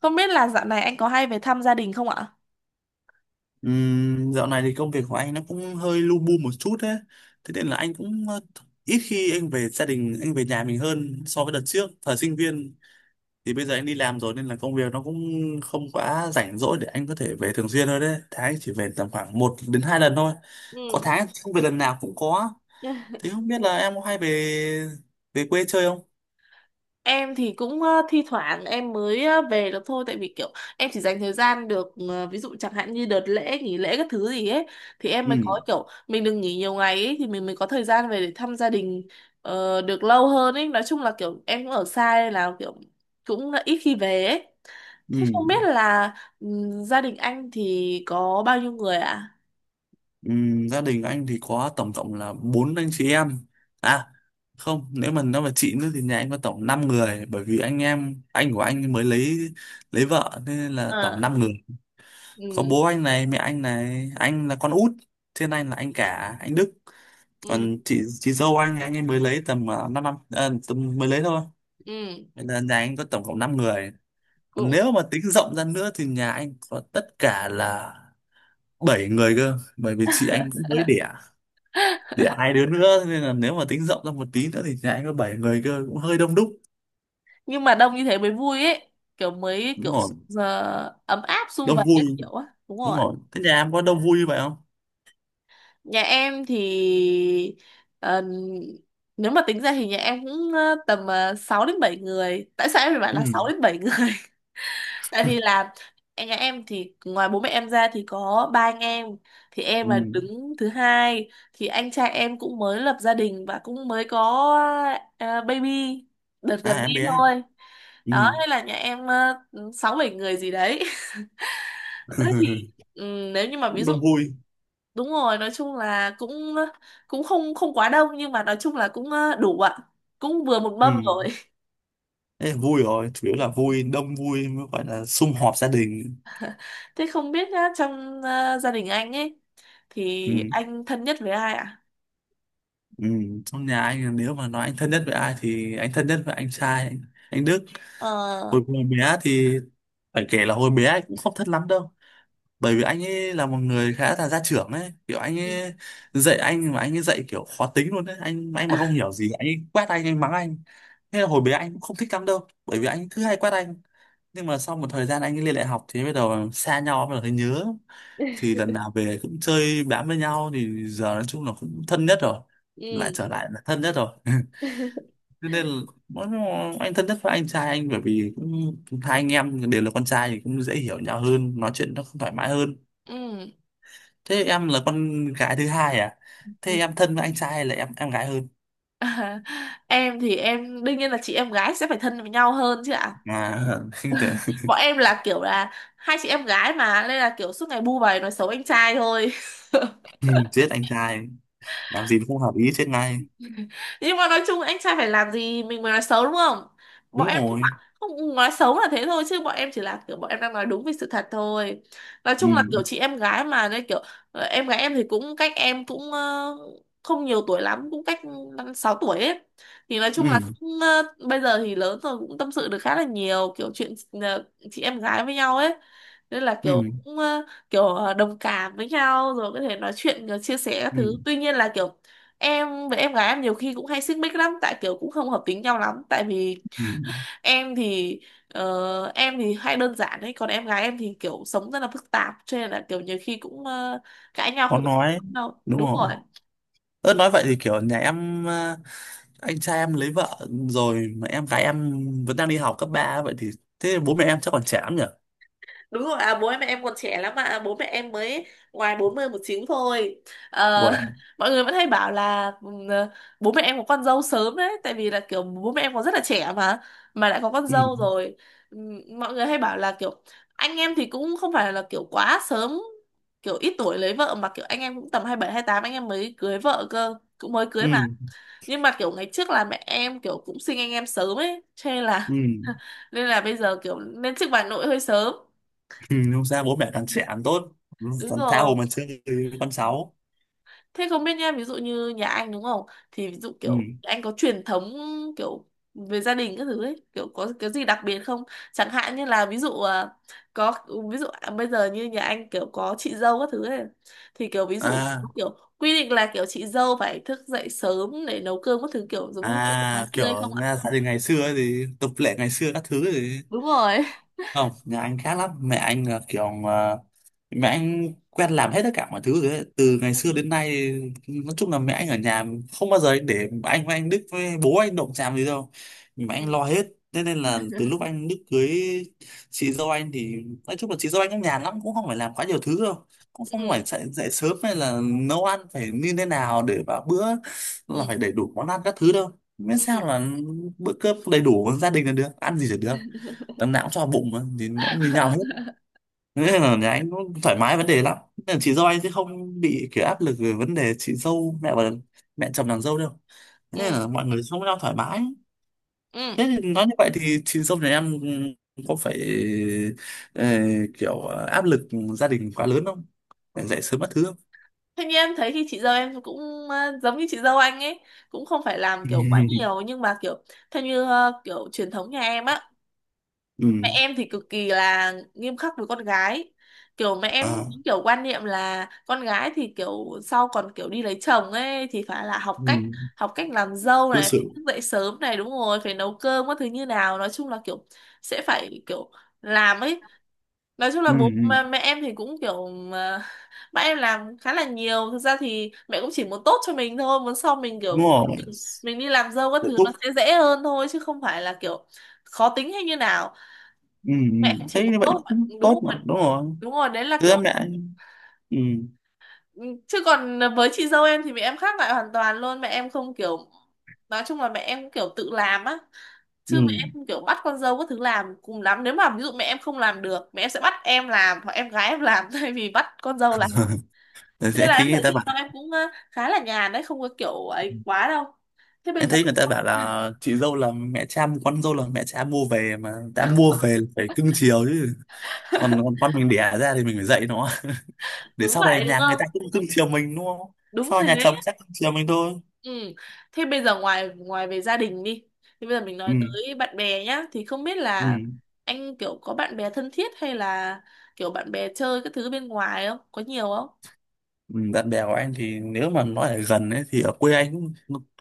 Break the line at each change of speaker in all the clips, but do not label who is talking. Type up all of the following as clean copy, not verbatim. Không biết là dạo này anh có hay về thăm gia đình không ạ?
Dạo này thì công việc của anh nó cũng hơi lu bu một chút đấy. Thế nên là anh cũng ít khi anh về gia đình, anh về nhà mình hơn so với đợt trước. Thời sinh viên thì bây giờ anh đi làm rồi nên là công việc nó cũng không quá rảnh rỗi để anh có thể về thường xuyên thôi đấy. Tháng anh chỉ về tầm khoảng một đến hai lần thôi. Có
Ừ.
tháng không về lần nào cũng có. Thế không biết là em có hay về về quê chơi không?
Em thì cũng thi thoảng em mới về được thôi tại vì kiểu em chỉ dành thời gian được ví dụ chẳng hạn như đợt lễ nghỉ lễ các thứ gì ấy thì em
Ừ,
mới có kiểu mình đừng nghỉ nhiều ngày ấy thì mình mới có thời gian về để thăm gia đình được lâu hơn ấy. Nói chung là kiểu em cũng ở xa nên là kiểu cũng là ít khi về ấy.
ừ.
Thế không biết là gia đình anh thì có bao nhiêu người ạ?
Gia đình anh thì có tổng cộng là bốn anh chị em, à không, nếu mà nói về chị nữa thì nhà anh có tổng 5 người, bởi vì anh em anh của anh mới lấy vợ, thế nên là
Ờ,
tổng 5 người. Có
ừ.
bố anh này, mẹ anh này, anh là con út, trên anh là anh cả anh Đức,
Ừ.
còn chị dâu anh ấy mới lấy tầm 5 năm, năm à, tầm mới lấy thôi,
Ừ.
nên là nhà anh có tổng cộng 5 người. Còn
Ừ.
nếu mà tính rộng ra nữa thì nhà anh có tất cả là 7 người cơ, bởi vì chị anh cũng mới đẻ, để hai đứa nữa, nên là nếu mà tính rộng ra một tí nữa thì nhà anh có bảy người cơ, cũng hơi đông đúc.
Nhưng mà đông như thế mới vui ấy, kiểu mới
Đúng
kiểu
rồi,
ấm áp sum
đông
vầy các
vui.
kiểu á. Đúng
Đúng
rồi.
rồi, thế nhà em có đông vui như vậy không?
Nhà em thì ờ, nếu mà tính ra thì nhà em cũng tầm 6 đến 7 người. Tại sao em phải bảo
Ừ,
là 6 đến 7 người? Tại vì là em nhà em thì ngoài bố mẹ em ra thì có ba anh em. Thì em
ừ,
là đứng thứ hai, thì anh trai em cũng mới lập gia đình và cũng mới có baby đợt gần
à em
đây
bé,
thôi.
ừ.
Đó nên là nhà em sáu bảy người gì đấy. Thế thì nếu như mà ví
cũng
dụ
đông vui.
đúng rồi nói chung là cũng cũng không không quá đông, nhưng mà nói chung là cũng đủ ạ, cũng vừa một
Ừ,
mâm rồi.
thế là vui rồi, chủ yếu là vui, đông vui mới gọi là sum họp gia đình.
Thế không biết nhá, trong gia đình anh ấy thì
Ừ,
anh thân nhất với ai ạ?
ừ, trong nhà anh, là nếu mà nói anh thân nhất với ai thì anh thân nhất với anh trai anh Đức.
Ờ.
Hồi còn bé thì phải kể là hồi bé anh cũng không thân lắm đâu, bởi vì anh ấy là một người khá là gia trưởng ấy, kiểu anh
Ừ.
ấy dạy anh mà anh ấy dạy kiểu khó tính luôn đấy, anh mà không hiểu gì anh ấy quát anh mắng anh. Thế là hồi bé anh cũng không thích lắm đâu bởi vì anh thứ hay quát anh. Nhưng mà sau một thời gian anh ấy lên đại học thì bắt đầu xa nhau, bắt đầu thấy nhớ, thì lần nào về cũng chơi bám với nhau, thì giờ nói chung là cũng thân nhất rồi, lại
Ừ.
trở lại là thân nhất rồi. Thế nên là mỗi- anh thân nhất với anh trai anh, bởi vì cũng hai anh em đều là con trai thì cũng dễ hiểu nhau hơn, nói chuyện nó cũng thoải mái hơn. Thế em là con gái thứ hai à?
Ừ.
Thế em thân với anh trai hay là em gái hơn?
À, em thì em đương nhiên là chị em gái sẽ phải thân với nhau hơn chứ ạ.
À, không tưởng-
Bọn em là kiểu là hai chị em gái mà, nên là kiểu suốt ngày bu vầy nói xấu anh trai thôi.
Ừ, chết anh trai. Làm gì nó không hợp ý chết ngay.
Nhưng mà nói chung anh trai phải làm gì mình mới nói xấu, đúng không? Bọn
Đúng
em không phải
rồi.
không nói xấu là thế thôi, chứ bọn em chỉ là kiểu bọn em đang nói đúng về sự thật thôi. Nói
Ừ.
chung là kiểu chị em gái mà nên kiểu em gái em thì cũng cách em cũng không nhiều tuổi lắm, cũng cách 5-6 tuổi ấy. Thì nói chung là
Ừ.
cũng, bây giờ thì lớn rồi cũng tâm sự được khá là nhiều kiểu chuyện ờ, chị em gái với nhau ấy. Nên là kiểu
Ừ.
cũng kiểu đồng cảm với nhau rồi có thể nói chuyện chia sẻ các
Ừ.
thứ. Tuy nhiên là kiểu em với em gái em nhiều khi cũng hay xích mích lắm, tại kiểu cũng không hợp tính nhau lắm. Tại vì
Ừ.
em thì em thì hay đơn giản đấy, còn em gái em thì kiểu sống rất là phức tạp cho nên là kiểu nhiều khi cũng cãi nhau
Khó
không ổn
nói.
đâu,
Đúng
đúng
rồi.
rồi.
Ơ nói vậy thì kiểu nhà em anh trai em lấy vợ rồi mà em gái em vẫn đang đi học cấp ba, vậy thì thế bố mẹ em chắc còn trẻ lắm nhỉ?
Đúng rồi, à, bố em mẹ em còn trẻ lắm mà, bố mẹ em mới ngoài 40 một chín thôi. Ờ,
Wow.
mọi người vẫn hay bảo là bố mẹ em có con dâu sớm đấy, tại vì là kiểu bố mẹ em còn rất là trẻ mà lại có con
Ừ.
dâu rồi. Mọi người hay bảo là kiểu anh em thì cũng không phải là kiểu quá sớm, kiểu ít tuổi lấy vợ mà kiểu anh em cũng tầm 27 28 anh em mới cưới vợ cơ, cũng mới cưới mà.
Ừ.
Nhưng mà kiểu ngày trước là mẹ em kiểu cũng sinh anh em sớm ấy, cho nên
Ừ.
là nên là bây giờ kiểu lên chức bà nội hơi sớm,
Ừ. Không sao, bố mẹ càng trẻ càng tốt.
đúng
Thằng
rồi.
thao mà chơi với con cháu.
Thế không biết nha ví dụ như nhà anh đúng không, thì ví dụ
Ừ.
kiểu anh có truyền thống kiểu về gia đình các thứ ấy kiểu có cái gì đặc biệt không, chẳng hạn như là ví dụ à, có ví dụ à, bây giờ như nhà anh kiểu có chị dâu các thứ ấy thì kiểu ví dụ
À.
kiểu quy định là kiểu chị dâu phải thức dậy sớm để nấu cơm các thứ kiểu giống như ở ngày
À,
xưa hay
kiểu
không ạ?
nghe gia đình ngày xưa ấy, thì tập lệ ngày xưa các thứ ấy thì
Đúng rồi.
không, nhà anh khác lắm, mẹ anh là kiểu mẹ anh quen làm hết tất cả mọi thứ rồi ấy, từ ngày xưa
Ừ.
đến nay. Nói chung là mẹ anh ở nhà, không bao giờ anh để anh với anh Đức với bố anh động chạm gì đâu, mẹ anh lo hết. Thế nên là từ
Ừ.
lúc anh Đức cưới chị dâu anh, thì nói chung là chị dâu anh cũng nhàn lắm, cũng không phải làm quá nhiều thứ đâu, cũng không phải
Ừ.
dậy sớm hay là nấu ăn phải như thế nào để vào bữa
Ừ.
là phải đầy đủ món ăn các thứ đâu, miễn
Ừ.
sao là bữa cơm đầy đủ gia đình là được, ăn gì là được, tấm não cho bụng mà, thì nó cũng như nhau hết. Thế nên là nhà anh nó thoải mái vấn đề lắm, nên là chị dâu anh sẽ không bị kiểu áp lực về vấn đề chị dâu mẹ và mẹ chồng nàng dâu đâu. Thế
Ừ.
nên là mọi người sống với nhau thoải mái.
Ừ.
Thế thì nói như vậy thì chị dâu nhà em có phải ờ, kiểu áp lực gia đình quá lớn không, phải dậy sớm mất thứ không?
Thế nhưng em thấy thì chị dâu em cũng giống như chị dâu anh ấy, cũng không phải làm kiểu quá
Ừ,
nhiều. Nhưng mà kiểu theo như kiểu truyền thống nhà em á,
ừ,
mẹ em thì cực kỳ là nghiêm khắc với con gái. Kiểu mẹ em
à,
những kiểu quan niệm là con gái thì kiểu sau còn kiểu đi lấy chồng ấy thì phải là
ừ,
học cách làm dâu
đối
này, phải
xử,
thức dậy sớm này đúng rồi, phải nấu cơm các thứ như nào, nói chung là kiểu sẽ phải kiểu làm ấy. Nói chung
ừ,
là bố
ừ,
mà mẹ em thì cũng kiểu mà, mẹ em làm khá là nhiều. Thực ra thì mẹ cũng chỉ muốn tốt cho mình thôi, muốn sau mình
đúng
kiểu
rồi,
mình đi làm dâu các
hạnh
thứ
phúc,
nó sẽ dễ hơn thôi, chứ không phải là kiểu khó tính hay như nào,
ừ, ừ,
mẹ cũng chỉ
thấy
muốn
như vậy
tốt mà-
cũng
đúng
tốt mà,
rồi,
đúng rồi,
đúng rồi, đấy là
thứ
kiểu.
mẹ, ừ,
Ừ, chứ còn với chị dâu em thì mẹ em khác lại hoàn toàn luôn, mẹ em không kiểu, nói chung là mẹ em kiểu tự làm á,
ừ.
chứ mẹ em không kiểu bắt con dâu có thứ làm. Cùng lắm nếu mà ví dụ mẹ em không làm được mẹ em sẽ bắt em làm hoặc em gái em làm thay vì bắt con dâu làm.
Rồi
Cho nên
anh
là
thấy
em
người
thấy
ta
chị
bảo,
dâu em cũng khá là nhàn đấy, không có kiểu ấy quá đâu, thế bây
anh
giờ.
thấy người ta bảo là chị dâu là mẹ cha, con dâu là mẹ cha mua về, mà đã mua về là phải cưng chiều chứ, còn con mình đẻ ra thì mình phải dạy nó để
Đúng
sau này
vậy đúng
nhà người
không,
ta cũng cưng chiều mình, đúng không?
đúng
Sau
thế.
nhà chồng chắc cưng chiều mình thôi.
Ừ. Thế bây giờ ngoài ngoài về gia đình đi, thì bây giờ mình
Ừ.
nói tới bạn bè nhá, thì không biết
Ừ.
là anh kiểu có bạn bè thân thiết hay là kiểu bạn bè chơi các thứ bên ngoài không có nhiều không?
Ừ, bạn bè của anh thì nếu mà nói ở gần ấy thì ở quê anh cũng,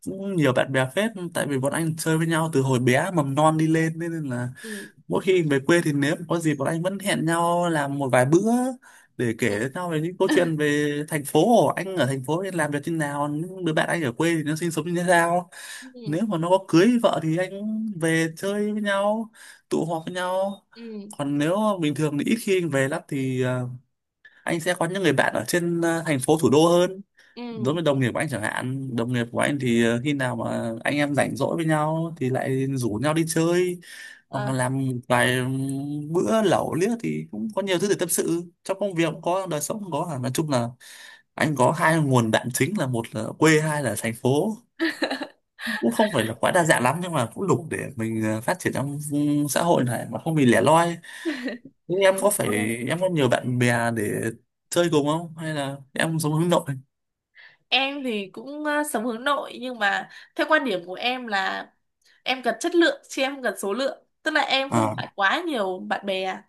cũng nhiều bạn bè phết, tại vì bọn anh chơi với nhau từ hồi bé mầm non đi lên, nên là
Ừ.
mỗi khi về quê thì nếu có gì bọn anh vẫn hẹn nhau làm một vài bữa để
Ừ.
kể cho nhau về những câu
Ừ.
chuyện, về thành phố, anh ở thành phố thì làm việc như nào, những đứa bạn anh ở quê thì nó sinh sống như thế nào. Nếu mà nó có cưới vợ thì anh về chơi với nhau, tụ họp với nhau.
Ừ.
Còn nếu mà bình thường thì ít khi anh về lắm, thì anh sẽ có những người bạn ở trên thành phố thủ đô hơn. Đối
Ừ.
với đồng nghiệp của anh chẳng hạn, đồng nghiệp của anh thì khi nào mà anh em rảnh rỗi với nhau thì lại rủ nhau đi chơi, hoặc
Ờ,
là làm vài bữa lẩu liếc, thì cũng có nhiều thứ để tâm sự, trong công việc cũng có, đời sống cũng có. À, nói chung là anh có hai nguồn đạm chính, là một là quê, hai là thành phố. Cũng không phải là quá đa dạng lắm, nhưng mà cũng đủ để mình phát triển trong xã hội này mà không bị lẻ loi. Nhưng em
không
có
bị
phải,
cô đơn.
em có nhiều bạn bè để chơi cùng không, hay là em sống hướng nội?
Em thì cũng sống hướng nội, nhưng mà theo quan điểm của em là em cần chất lượng chứ em không cần số lượng, tức là em không
À,
phải quá nhiều bạn bè.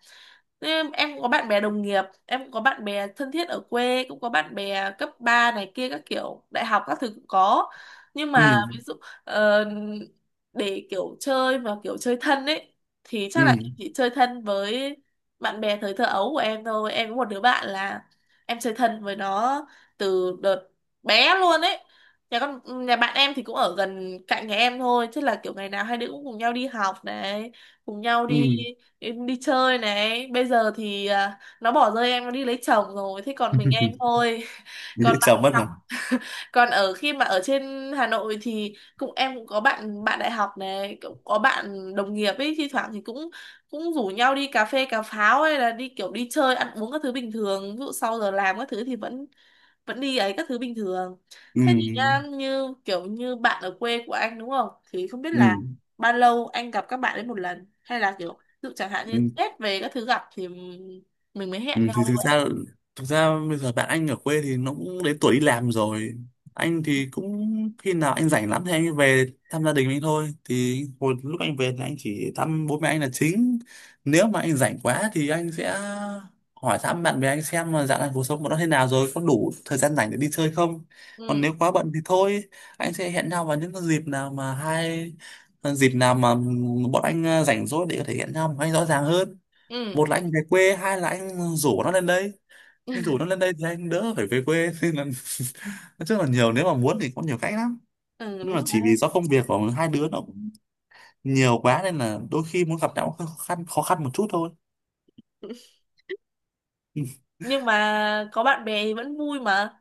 Em có bạn bè đồng nghiệp, em cũng có bạn bè thân thiết ở quê, cũng có bạn bè cấp 3 này kia các kiểu, đại học các thứ cũng có. Nhưng mà
ừ,
ví dụ ờ, để kiểu chơi mà kiểu chơi thân ấy thì chắc là
ừ,
em chỉ chơi thân với bạn bè thời thơ ấu của em thôi. Em có một đứa bạn là em chơi thân với nó từ đợt bé luôn ấy. Nhà con nhà bạn em thì cũng ở gần cạnh nhà em thôi, chứ là kiểu ngày nào hai đứa cũng cùng nhau đi học này, cùng nhau
ừ,
đi em đi chơi này. Bây giờ thì à, nó bỏ rơi em, nó đi lấy chồng rồi thế còn mình em thôi. còn
dễ
bạn
chồng mất
đại
rồi,
còn ở khi mà ở trên Hà Nội thì cũng em cũng có bạn bạn đại học này, cũng có bạn đồng nghiệp ấy, thi thoảng thì cũng cũng rủ nhau đi cà phê cà pháo, hay là đi kiểu đi chơi ăn uống các thứ bình thường, ví dụ sau giờ làm các thứ thì vẫn vẫn đi ấy các thứ bình thường.
ừ,
Thế thì nha như kiểu như bạn ở quê của anh đúng không, thì không biết
ừ,
là bao lâu anh gặp các bạn ấy một lần hay là kiểu ví dụ chẳng hạn như
ừ.
Tết về các thứ gặp thì mình mới
Ừ,
hẹn
thì
nhau
thực
vậy?
ra, thực ra bây giờ bạn anh ở quê thì nó cũng đến tuổi đi làm rồi, anh thì cũng khi nào anh rảnh lắm thì anh về thăm gia đình anh thôi, thì hồi lúc anh về thì anh chỉ thăm bố mẹ anh là chính. Nếu mà anh rảnh quá thì anh sẽ hỏi thăm bạn bè anh xem là dạo này cuộc sống của nó thế nào rồi, có đủ thời gian rảnh để đi chơi không. Còn
Ừ.
nếu quá bận thì thôi, anh sẽ hẹn nhau vào những cái dịp nào mà dịp nào mà bọn anh rảnh rỗi để có thể hẹn nhau một cách rõ ràng hơn.
Ừ.
Một là anh về quê, hai là anh rủ nó lên đây. Anh rủ nó lên đây thì anh đỡ phải về quê, nên là nói chung là nhiều, nếu mà muốn thì có nhiều cách lắm,
Ừ,
nhưng
đúng
mà
rồi.
chỉ vì do công việc của hai đứa nó cũng nhiều quá nên là đôi khi muốn gặp nhau cũng khó khăn một chút thôi. Ừ,
Nhưng mà có bạn bè thì vẫn vui mà,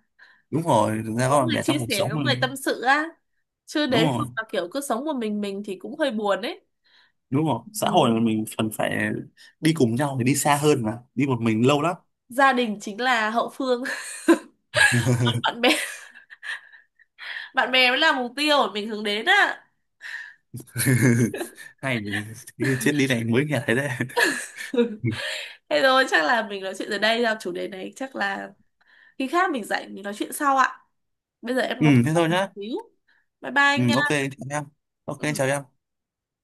đúng rồi, thực ra
có
có bạn
người
bè
chia
trong cuộc
sẻ
sống
có
mà.
người tâm sự á, chứ
Đúng
nếu không
rồi,
mà kiểu cứ sống một mình thì cũng hơi buồn ấy.
đúng rồi, xã
Ừ.
hội là mình cần phải đi cùng nhau thì đi xa hơn, mà đi một mình lâu lắm.
Gia đình chính là hậu phương. Còn bạn bè, bạn bè mới là mục tiêu mà mình hướng đến á.
Hay, cái triết lý này mới nghe thấy đấy.
Thế rồi chắc là mình nói chuyện ở đây ra chủ đề này, chắc là khi khác mình rảnh mình nói chuyện sau ạ. Bây giờ em
Ừ
có việc
thế
bận
thôi
một
nhá.
xíu, bye bye
Ừ
anh nha.
ok chào em. Ok
Ừ.
chào em.